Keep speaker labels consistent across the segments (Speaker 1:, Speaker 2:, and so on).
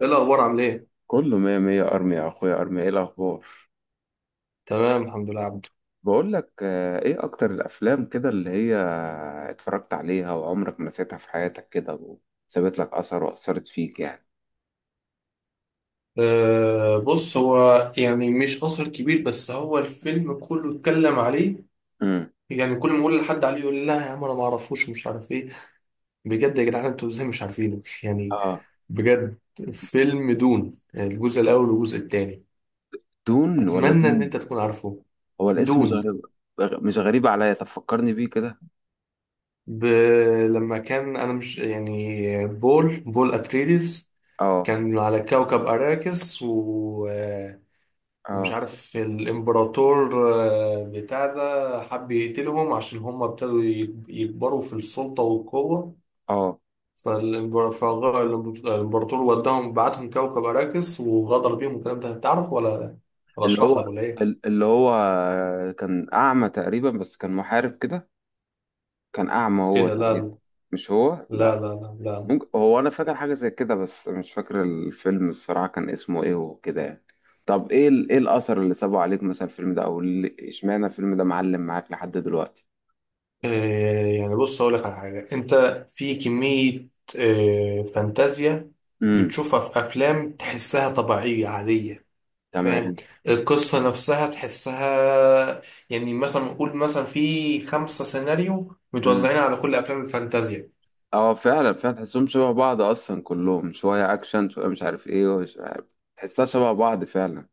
Speaker 1: ايه الاخبار عامل ايه؟
Speaker 2: كله مية مية. أرمي يا أخويا، أرمي. إيه الأخبار؟
Speaker 1: تمام الحمد لله عبده.
Speaker 2: بقول لك إيه أكتر الأفلام كده اللي هي اتفرجت عليها وعمرك ما نسيتها في حياتك كده وسابت لك أثر وأثرت فيك يعني؟
Speaker 1: أه بص، هو يعني مش اثر كبير، بس هو الفيلم كله اتكلم عليه.
Speaker 2: امم
Speaker 1: يعني كل ما اقول لحد عليه يقول لي لا يا عم انا ما اعرفوش مش عارف ايه. بجد يا جدعان انتوا ازاي مش عارفينه يعني.
Speaker 2: آه،
Speaker 1: بجد. فيلم دون، يعني الجزء الاول والجزء الثاني.
Speaker 2: دون ولا
Speaker 1: اتمنى
Speaker 2: دوم؟
Speaker 1: ان انت تكون عارفه.
Speaker 2: هو الاسم مش
Speaker 1: دون.
Speaker 2: غريب، مش غريب عليا. طب فكرني بيه كده.
Speaker 1: ب... لما كان انا مش يعني بول اتريديس،
Speaker 2: آه.
Speaker 1: كان على كوكب أراكس و... آه، ومش
Speaker 2: آه
Speaker 1: عارف الامبراطور بتاع ده حب يقتلهم عشان هم ابتدوا يكبروا في السلطة والقوة.
Speaker 2: آه.
Speaker 1: فالامبراطور وداهم، بعتهم كوكب أراكس وغدر بيهم والكلام ده. تعرف ولا ولا
Speaker 2: اللي
Speaker 1: اشرح
Speaker 2: هو
Speaker 1: لك ولا ايه؟
Speaker 2: اللي هو كان أعمى تقريبا بس كان محارب كده. كان أعمى
Speaker 1: ايه
Speaker 2: هو
Speaker 1: ده،
Speaker 2: تقريبا.
Speaker 1: لا
Speaker 2: مش هو؟
Speaker 1: لا
Speaker 2: لا.
Speaker 1: لا لا لا.
Speaker 2: ممكن هو، انا فاكر حاجه زي كده بس مش فاكر الفيلم الصراحه كان اسمه ايه وكده يعني. طب ايه ايه الاثر اللي سابه عليك مثلا الفيلم ده، اشمعنى الفيلم ده معلم معاك لحد دلوقتي؟
Speaker 1: إيه يعني، بص اقول لك على حاجة، انت في كمية إيه، فانتازيا
Speaker 2: امم
Speaker 1: بتشوفها في افلام تحسها طبيعية عادية. فاهم؟
Speaker 2: تمام.
Speaker 1: القصة نفسها تحسها، يعني مثلا نقول مثلا في خمسة سيناريو
Speaker 2: امم
Speaker 1: متوزعين على كل أفلام الفانتازيا.
Speaker 2: اه فعلا فعلا، تحسهم شبه بعض اصلا، كلهم شويه اكشن شويه مش عارف ايه ومش عارف. تحسها شبه بعض فعلا.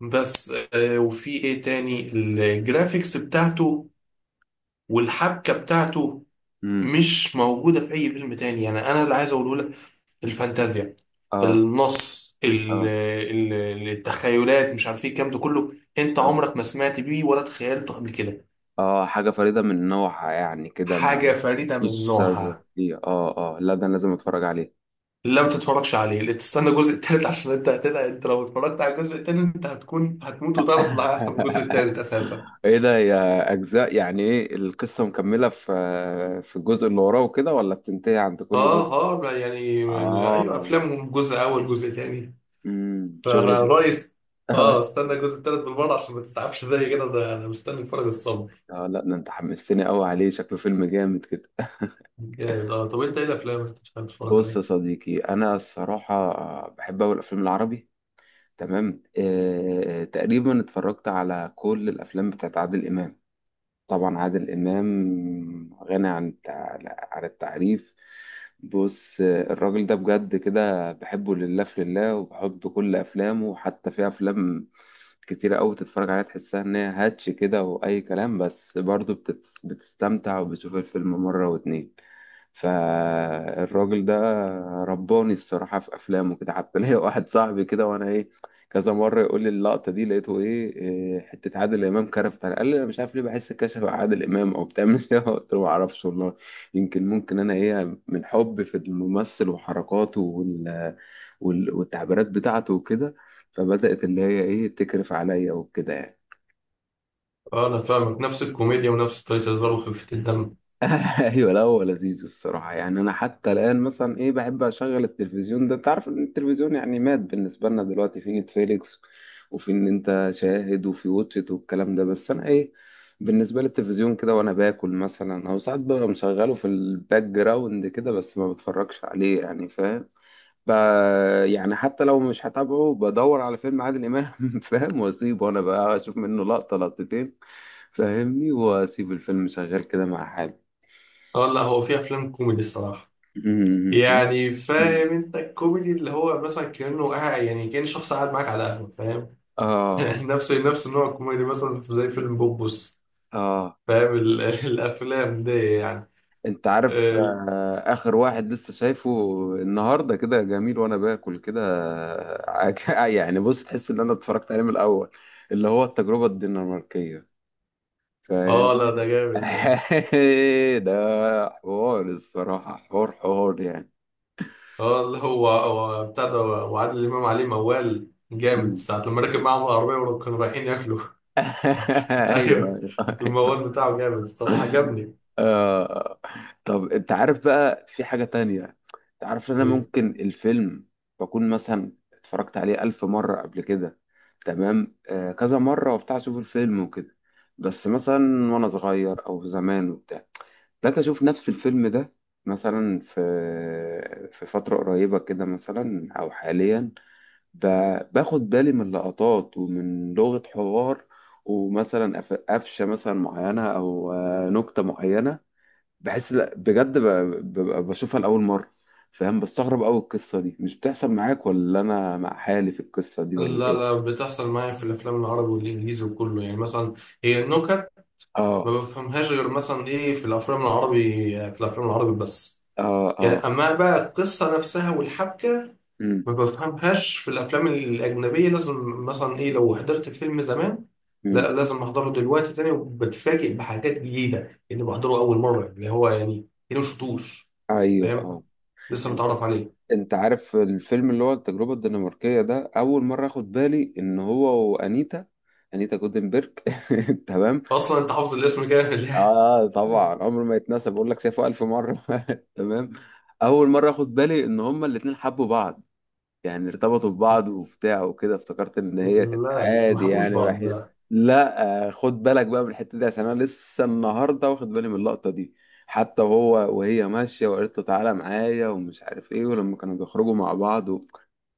Speaker 1: بس وفي إيه تاني، الجرافيكس بتاعته والحبكة بتاعته
Speaker 2: امم
Speaker 1: مش موجودة في أي فيلم تاني. يعني أنا اللي عايز أقوله لك، الفانتازيا،
Speaker 2: اه.
Speaker 1: النص ال-
Speaker 2: اه
Speaker 1: ال- التخيلات مش عارف إيه الكلام ده كله، أنت
Speaker 2: اه.
Speaker 1: عمرك ما سمعت بيه ولا تخيلته قبل كده.
Speaker 2: اه حاجه فريده من نوعها يعني كده، ما
Speaker 1: حاجة فريدة من
Speaker 2: مفيش شبه
Speaker 1: نوعها.
Speaker 2: فيه. اه اه، لا ده أنا لازم اتفرج عليه.
Speaker 1: لا ما تتفرجش عليه، لا تستنى الجزء التالت، عشان انت هتدعي، انت لو اتفرجت على الجزء التاني انت هتكون هتموت وتعرف اللي هيحصل في الجزء التالت اساسا.
Speaker 2: ايه ده، هي اجزاء يعني؟ ايه، القصة مكملة في في الجزء اللي وراه وكده ولا بتنتهي عند كل
Speaker 1: اه.
Speaker 2: جزء؟
Speaker 1: اه يعني، ايوه
Speaker 2: اه.
Speaker 1: افلامهم جزء اول جزء تاني.
Speaker 2: امم
Speaker 1: فانا
Speaker 2: شغل ش-
Speaker 1: رأيي است- اه استنى الجزء التالت بالمره عشان ما تتعبش زي كده، ده انا مستني اتفرج الصبر.
Speaker 2: اه لا، ده انت حمستني قوي عليه، شكله فيلم جامد كده.
Speaker 1: جامد اه. طب انت ايه الافلام اللي كنت بتحب تتفرج
Speaker 2: بص يا
Speaker 1: عليها؟
Speaker 2: صديقي، انا الصراحة بحب اوي الافلام العربي. تمام. تقريبا اتفرجت على كل الافلام بتاعت عادل امام. طبعا عادل إمام غني عن عن التعريف. بص الراجل ده بجد كده بحبه لله في لله، وبحب كل أفلامه. حتى في أفلام كتيرة أوي تتفرج عليها تحسها إن هي هاتش كده وأي كلام، بس برضه بتستمتع وبتشوف الفيلم مرة واتنين. فالراجل ده رباني الصراحة في أفلامه كده. حتى ليا واحد صاحبي كده، وأنا إيه كذا مره يقول لي اللقطه دي لقيته ايه إيه، حته عادل امام كرفت على. قال لي انا مش عارف ليه بحس كشف على عادل امام او بتعمل ايه. قلت له ما اعرفش والله، يمكن ممكن انا ايه من حب في الممثل وحركاته والتعبيرات بتاعته وكده، فبدات اللي هي ايه تكرف عليا وكده يعني.
Speaker 1: اه انا فاهمك، نفس الكوميديا ونفس طريقه الهزار وخفه الدم.
Speaker 2: ايوه، لا هو لذيذ الصراحه يعني. انا حتى الان مثلا ايه بحب اشغل التلفزيون ده. انت عارف ان التلفزيون يعني مات بالنسبه لنا دلوقتي، في نتفليكس وفي ان انت شاهد وفي واتشت والكلام ده، بس انا ايه بالنسبه للتلفزيون كده وانا باكل مثلا، او ساعات ببقى مشغله في الباك جراوند كده بس ما بتفرجش عليه يعني، فاهم؟ ب- يعني حتى لو مش هتابعه بدور على فيلم عادل امام. فاهم، واسيبه وانا بقى اشوف منه لقطه لقطتين، فاهمني، واسيب الفيلم شغال كده مع حالي.
Speaker 1: اه لا، هو في افلام كوميدي الصراحه.
Speaker 2: مم. لا.
Speaker 1: يعني
Speaker 2: مم.
Speaker 1: فاهم انت، الكوميدي اللي هو مثلا كأنه قاعد، يعني كأن شخص قاعد معاك على قهوة. فاهم؟
Speaker 2: اه.
Speaker 1: نفس النوع الكوميدي، مثلا زي فيلم بوبوس.
Speaker 2: اه،
Speaker 1: فاهم الافلام دي يعني.
Speaker 2: انت عارف
Speaker 1: ال-
Speaker 2: آه اخر واحد لسه شايفه النهارده كده جميل وانا باكل كده؟ يعني بص، تحس ان انا اتفرجت عليه من الاول، اللي هو التجربه الدنماركيه،
Speaker 1: اه لا
Speaker 2: فاهمني.
Speaker 1: ده جامد ده.
Speaker 2: ده حوار الصراحه، حوار حوار يعني.
Speaker 1: اه اللي هو، هو بتاع ده وعادل امام عليه موال جامد
Speaker 2: مم.
Speaker 1: ساعة لما ركب معاهم العربية وكانوا رايحين ياكلوا. ايوه.
Speaker 2: ايوه. أيوة.
Speaker 1: الموال بتاعه جامد الصراحة، عجبني.
Speaker 2: آه. طب انت عارف بقى، في حاجة تانية، انت عارف ان انا
Speaker 1: إيه.
Speaker 2: ممكن الفيلم بكون مثلا اتفرجت عليه ألف مرة قبل كده. تمام؟ كذا مرة وبتاع، اشوف الفيلم وكده، بس مثلا وانا صغير او زمان وبتاع، لك اشوف نفس الفيلم ده مثلا في في فترة قريبة كده مثلا او حاليا، فباخد بالي من لقطات ومن لغة حوار ومثلا قفشة مثلا معينة أو نكتة معينة، بحس لا بجد ببقى بشوفها لأول مرة، فاهم؟ بستغرب أوي، القصة دي مش بتحصل معاك، ولا أنا مع حالي في القصة دي، ولا
Speaker 1: لا
Speaker 2: إيه؟
Speaker 1: لا، بتحصل معايا في الافلام العربي والانجليزي وكله، يعني مثلا هي النكت ما
Speaker 2: آه
Speaker 1: بفهمهاش غير مثلا ايه، في الافلام العربي. في الافلام العربي بس
Speaker 2: آه.
Speaker 1: يعني.
Speaker 2: آه.
Speaker 1: اما بقى القصه نفسها والحبكه،
Speaker 2: أمم.
Speaker 1: ما بفهمهاش في الافلام الاجنبيه. لازم مثلا ايه، لو حضرت فيلم زمان
Speaker 2: أمم.
Speaker 1: لا لازم احضره دلوقتي تاني، وبتفاجئ بحاجات جديده اني بحضره اول مره، اللي هو يعني كده ما شفتوش.
Speaker 2: أيوه
Speaker 1: فاهم؟
Speaker 2: آه.
Speaker 1: لسه
Speaker 2: إن-
Speaker 1: متعرف عليه.
Speaker 2: أنت عارف الفيلم اللي هو التجربة الدنماركية ده، أول مرة أخد بالي إن هو وأنيتا، أنيتا جودنبرج. تمام.
Speaker 1: اصلا انت حافظ الاسم كامل يعني.
Speaker 2: اه طبعا، عمره ما يتنسى، بقول لك شافه الف مره. تمام. اول مره اخد بالي ان هما الاتنين حبوا بعض، يعني ارتبطوا ببعض وبتاع وكده. افتكرت ان هي كانت
Speaker 1: لا ما
Speaker 2: عادي
Speaker 1: حبوش
Speaker 2: يعني
Speaker 1: بعض
Speaker 2: رايحين.
Speaker 1: لا.
Speaker 2: لا خد بالك بقى من الحته دي، عشان انا لسه النهارده واخد بالي من اللقطه دي. حتى وهو وهي ماشيه وقالت له تعالى معايا ومش عارف ايه، ولما كانوا بيخرجوا مع بعض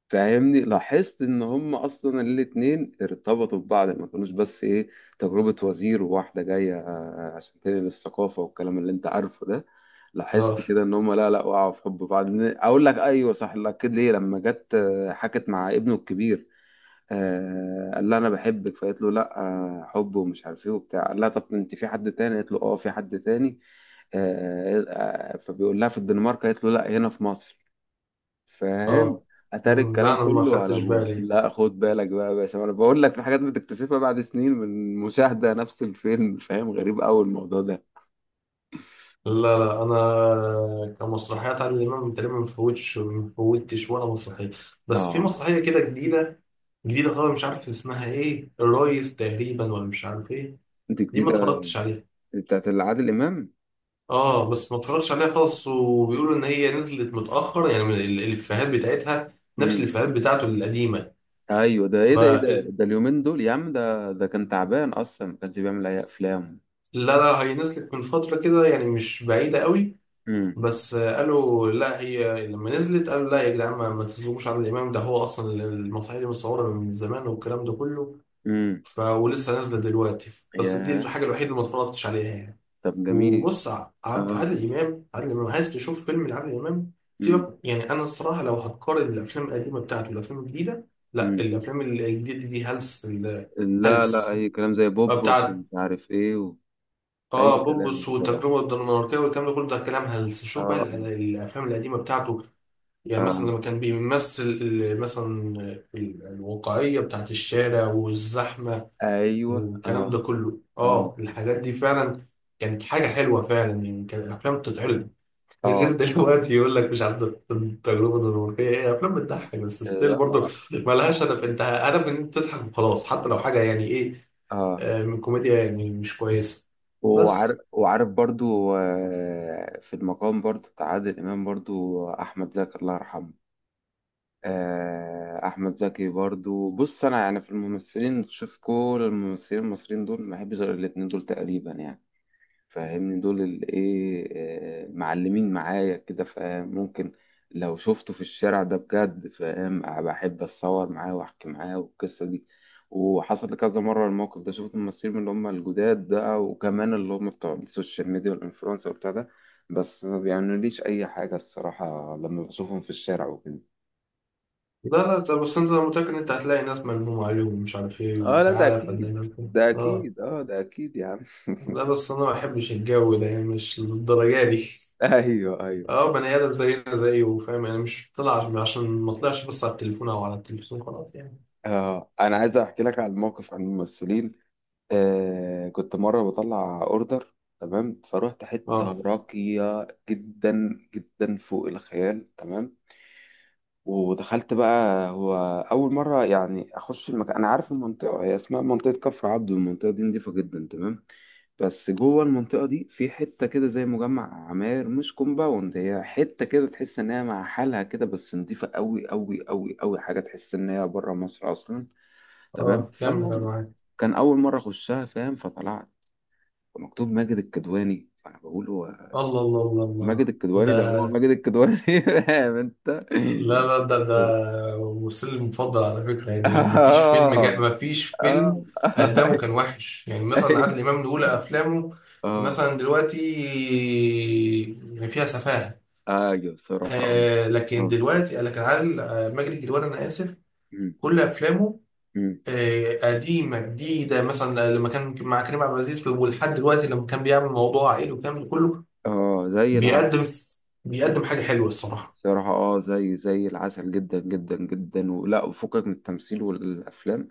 Speaker 2: فاهمني، لاحظت ان هم اصلا الاتنين ارتبطوا ببعض، ما كانوش بس ايه تجربه وزير وواحده جايه عشان تنقل الثقافه والكلام اللي انت عارفه ده. لاحظت
Speaker 1: اه
Speaker 2: كده ان هم، لا لا وقعوا في حب بعض، اقول لك ايوه صح، لا اكيد ليه، لما جت حكت مع ابنه الكبير، آه قال لها انا بحبك، فقالت له لا حب ومش عارف ايه وبتاع. قال لها طب انت في حد تاني؟ قالت له اه في حد تاني. فبيقول لها في الدنمارك؟ قالت له لا هنا في مصر، فاهم؟
Speaker 1: اه.
Speaker 2: اتاري
Speaker 1: أمم،
Speaker 2: الكلام
Speaker 1: لا انا ما
Speaker 2: كله على
Speaker 1: خدتش
Speaker 2: ابوه.
Speaker 1: بالي.
Speaker 2: لا خد بالك بقى يا باشا، ما انا بقول لك في حاجات بتكتشفها بعد سنين من مشاهدة نفس الفيلم، فاهم؟ غريب قوي الموضوع ده.
Speaker 1: لا لا انا كمسرحيات عادل امام تقريبا ما فوتش ما فوتش ولا مسرحيه. بس في
Speaker 2: اه.
Speaker 1: مسرحيه كده جديده، جديده خالص، مش عارف اسمها ايه، الريس تقريبا، ولا مش عارف ايه.
Speaker 2: انت،
Speaker 1: دي ما
Speaker 2: جديدة
Speaker 1: اتفرجتش عليها.
Speaker 2: بتاعت عادل امام؟
Speaker 1: اه بس ما اتفرجتش عليها خالص، وبيقولوا ان هي نزلت متاخر، يعني من الافيهات بتاعتها نفس الافيهات بتاعته القديمه.
Speaker 2: ايوه، ده
Speaker 1: ف
Speaker 2: ايه ده، ايه ده اليومين دول يا عم، ده كان تعبان اصلا ما كانش بيعمل اي افلام.
Speaker 1: لا لا، هي نزلت من فتره كده يعني، مش بعيده قوي.
Speaker 2: امم.
Speaker 1: بس قالوا لا، هي لما نزلت قالوا لا يا جدعان ما تظلموش عادل امام، ده هو اصلا اللي المسرحيه دي متصوره من زمان والكلام ده كله.
Speaker 2: امم.
Speaker 1: ولسه نازله دلوقتي. بس دي
Speaker 2: يا.
Speaker 1: الحاجه الوحيده اللي ما اتفرجتش عليها يعني.
Speaker 2: طب جميل.
Speaker 1: وبص، ع- عبد
Speaker 2: اه.
Speaker 1: عادل امام عادل امام، عايز تشوف فيلم لعادل امام؟
Speaker 2: امم.
Speaker 1: سيبك، يعني انا الصراحه لو هتقارن الافلام القديمه بتاعته والافلام الجديده، لا
Speaker 2: امم.
Speaker 1: الافلام الجديده دي هلس.
Speaker 2: لا لا
Speaker 1: هلس
Speaker 2: اي كلام، زي بوبوس
Speaker 1: بتاعت،
Speaker 2: ومش عارف ايه اي
Speaker 1: اه
Speaker 2: كلام
Speaker 1: بوبس
Speaker 2: الصراحه.
Speaker 1: والتجربه الدنماركيه والكلام ده كله، ده كلام هلس. شوف بقى
Speaker 2: اه.
Speaker 1: الافلام القديمه بتاعته، يعني مثلا
Speaker 2: اه.
Speaker 1: لما كان بيمثل مثلا الواقعية بتاعت الشارع والزحمة
Speaker 2: ايوه
Speaker 1: والكلام
Speaker 2: اه
Speaker 1: ده كله،
Speaker 2: اه.
Speaker 1: اه الحاجات دي فعلا كانت حاجة حلوة فعلا يعني. كان الأفلام بتتعرض غير
Speaker 2: اه
Speaker 1: دلوقتي، يقول لك مش عارف ده التجربة الدنماركية. هي أفلام بتضحك بس، ستيل برضه
Speaker 2: اه.
Speaker 1: مالهاش هدف، أنت هدف إن أنت تضحك وخلاص، حتى لو حاجة يعني إيه،
Speaker 2: اه.
Speaker 1: من كوميديا يعني مش كويسة.
Speaker 2: وعارف،
Speaker 1: بس
Speaker 2: وعارف برضو في المقام برضو بتاع عادل امام برضو، احمد زكي الله يرحمه. احمد زكي برضو. بص انا يعني، في الممثلين شوف، كل الممثلين المصريين دول ما بحبش غير الاتنين دول تقريبا يعني، فاهمني، دول اللي ايه معلمين معايا كده، فاهم؟ ممكن لو شفته في الشارع ده بجد، فاهم، أه بحب اتصور معاه واحكي معاه والقصه دي. وحصل لي كذا مره الموقف ده، شفت ممثلين من اللي هم الجداد ده، وكمان اللي هم بتوع السوشيال ميديا والانفلونسر وبتاع ده، بس ما بيعملوليش اي حاجه الصراحه لما بشوفهم في الشارع وكده.
Speaker 1: لا لا طب، بس أنت، أنا متأكد إن أنت هتلاقي ناس ملمومة عليهم ومش عارف إيه،
Speaker 2: اه لا ده
Speaker 1: وتعالى يا
Speaker 2: اكيد،
Speaker 1: فنان.
Speaker 2: ده
Speaker 1: اه
Speaker 2: اكيد، اه ده اكيد يا عم.
Speaker 1: لا بس انا ما بحبش الجو ده يعني، مش للدرجه دي.
Speaker 2: ايوه ايوه.
Speaker 1: اه، بني ادم زينا زيه فاهم، يعني مش طلع عشان، ما طلعش، بس على التليفون او على التلفزيون خلاص يعني.
Speaker 2: اه انا عايز احكي لك عن موقف، عن الممثلين. آه كنت مره بطلع اوردر، تمام، فروحت حته
Speaker 1: اه.
Speaker 2: راقيه جدا جدا فوق الخيال تمام. ودخلت بقى، هو أول مرة يعني أخش المكان. أنا عارف المنطقة، هي اسمها منطقة كفر عبده، المنطقة دي نضيفة جدا تمام، بس جوه المنطقة دي في حتة كده زي مجمع عماير، مش كومباوند، هي حتة كده تحس إن هي مع حالها كده، بس نضيفة أوي أوي أوي أوي حاجة، تحس إن هي بره مصر أصلا تمام.
Speaker 1: اه كمل انا
Speaker 2: فالمهم
Speaker 1: معاك.
Speaker 2: كان أول مرة أخشها، فاهم؟ فطلعت مكتوب ماجد الكدواني، فأنا بقول هو
Speaker 1: الله الله الله
Speaker 2: ماجد
Speaker 1: الله
Speaker 2: الكدواني ده؟ هو
Speaker 1: ده.
Speaker 2: ماجد الكدواني. فاهم أنت؟
Speaker 1: لا لا ده ده وسيلي المفضل على فكره يعني، ما فيش فيلم
Speaker 2: اه.
Speaker 1: جا ما فيش
Speaker 2: اه.
Speaker 1: فيلم قدامه كان وحش، يعني مثلا عادل
Speaker 2: ايوه.
Speaker 1: امام من اولى افلامه
Speaker 2: اه.
Speaker 1: مثلا دلوقتي يعني فيها سفاهه،
Speaker 2: ايوه صراحة اه.
Speaker 1: آه لكن
Speaker 2: اه.
Speaker 1: دلوقتي، لكن عادل آه ماجد الكدواني انا اسف،
Speaker 2: مم.
Speaker 1: كل افلامه
Speaker 2: مم.
Speaker 1: قديمه جديده، مثلا لما كان مع كريم عبد العزيز ولحد دلوقتي لما كان بيعمل موضوع عائلي والكلام ده كله،
Speaker 2: اه زي العسل.
Speaker 1: بيقدم، بيقدم حاجه حلوه الصراحه.
Speaker 2: صراحة اه، زي زي العسل جدا جدا جدا، ولا وفكك من التمثيل والافلام.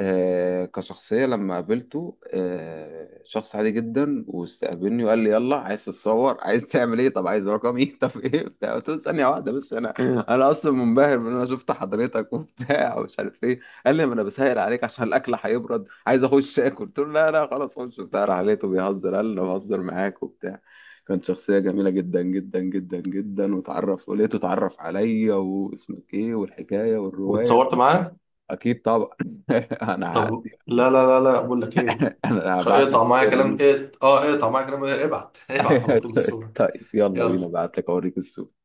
Speaker 2: كشخصية لما قابلته، شخص عادي جدا، واستقبلني وقال لي يلا عايز تتصور، عايز تعمل ايه، طب عايز رقمي. طب ايه بتاع، قلت له ثانية واحدة بس، انا انا اصلا منبهر من إن انا شفت حضرتك وبتاع. ومش عارف ايه. قال لي ما انا بسهر عليك عشان الاكل هيبرد، عايز اخش اكل. قلت له لا لا خلاص، خش بتاع. راح لقيته بيهزر، قال لي انا بهزر معاك وبتاع. كانت شخصية جميلة جدا جدا جدا جدا، وتعرف، ولقيته اتعرف عليا واسمك ايه والحكاية والرواية.
Speaker 1: واتصورت معاه؟
Speaker 2: اكيد طبعا. انا
Speaker 1: طب
Speaker 2: هعدي.
Speaker 1: لا لا لا لا بقول لك ايه،
Speaker 2: انا هبعت لك
Speaker 1: اقطع معايا
Speaker 2: الصورة
Speaker 1: كلام
Speaker 2: دي.
Speaker 1: ايه، اه اقطع معايا كلام إيه؟ ابعت، ابعت على طول الصوره.
Speaker 2: طيب يلا بينا،
Speaker 1: يلا.
Speaker 2: ابعت لك اوريك الصورة.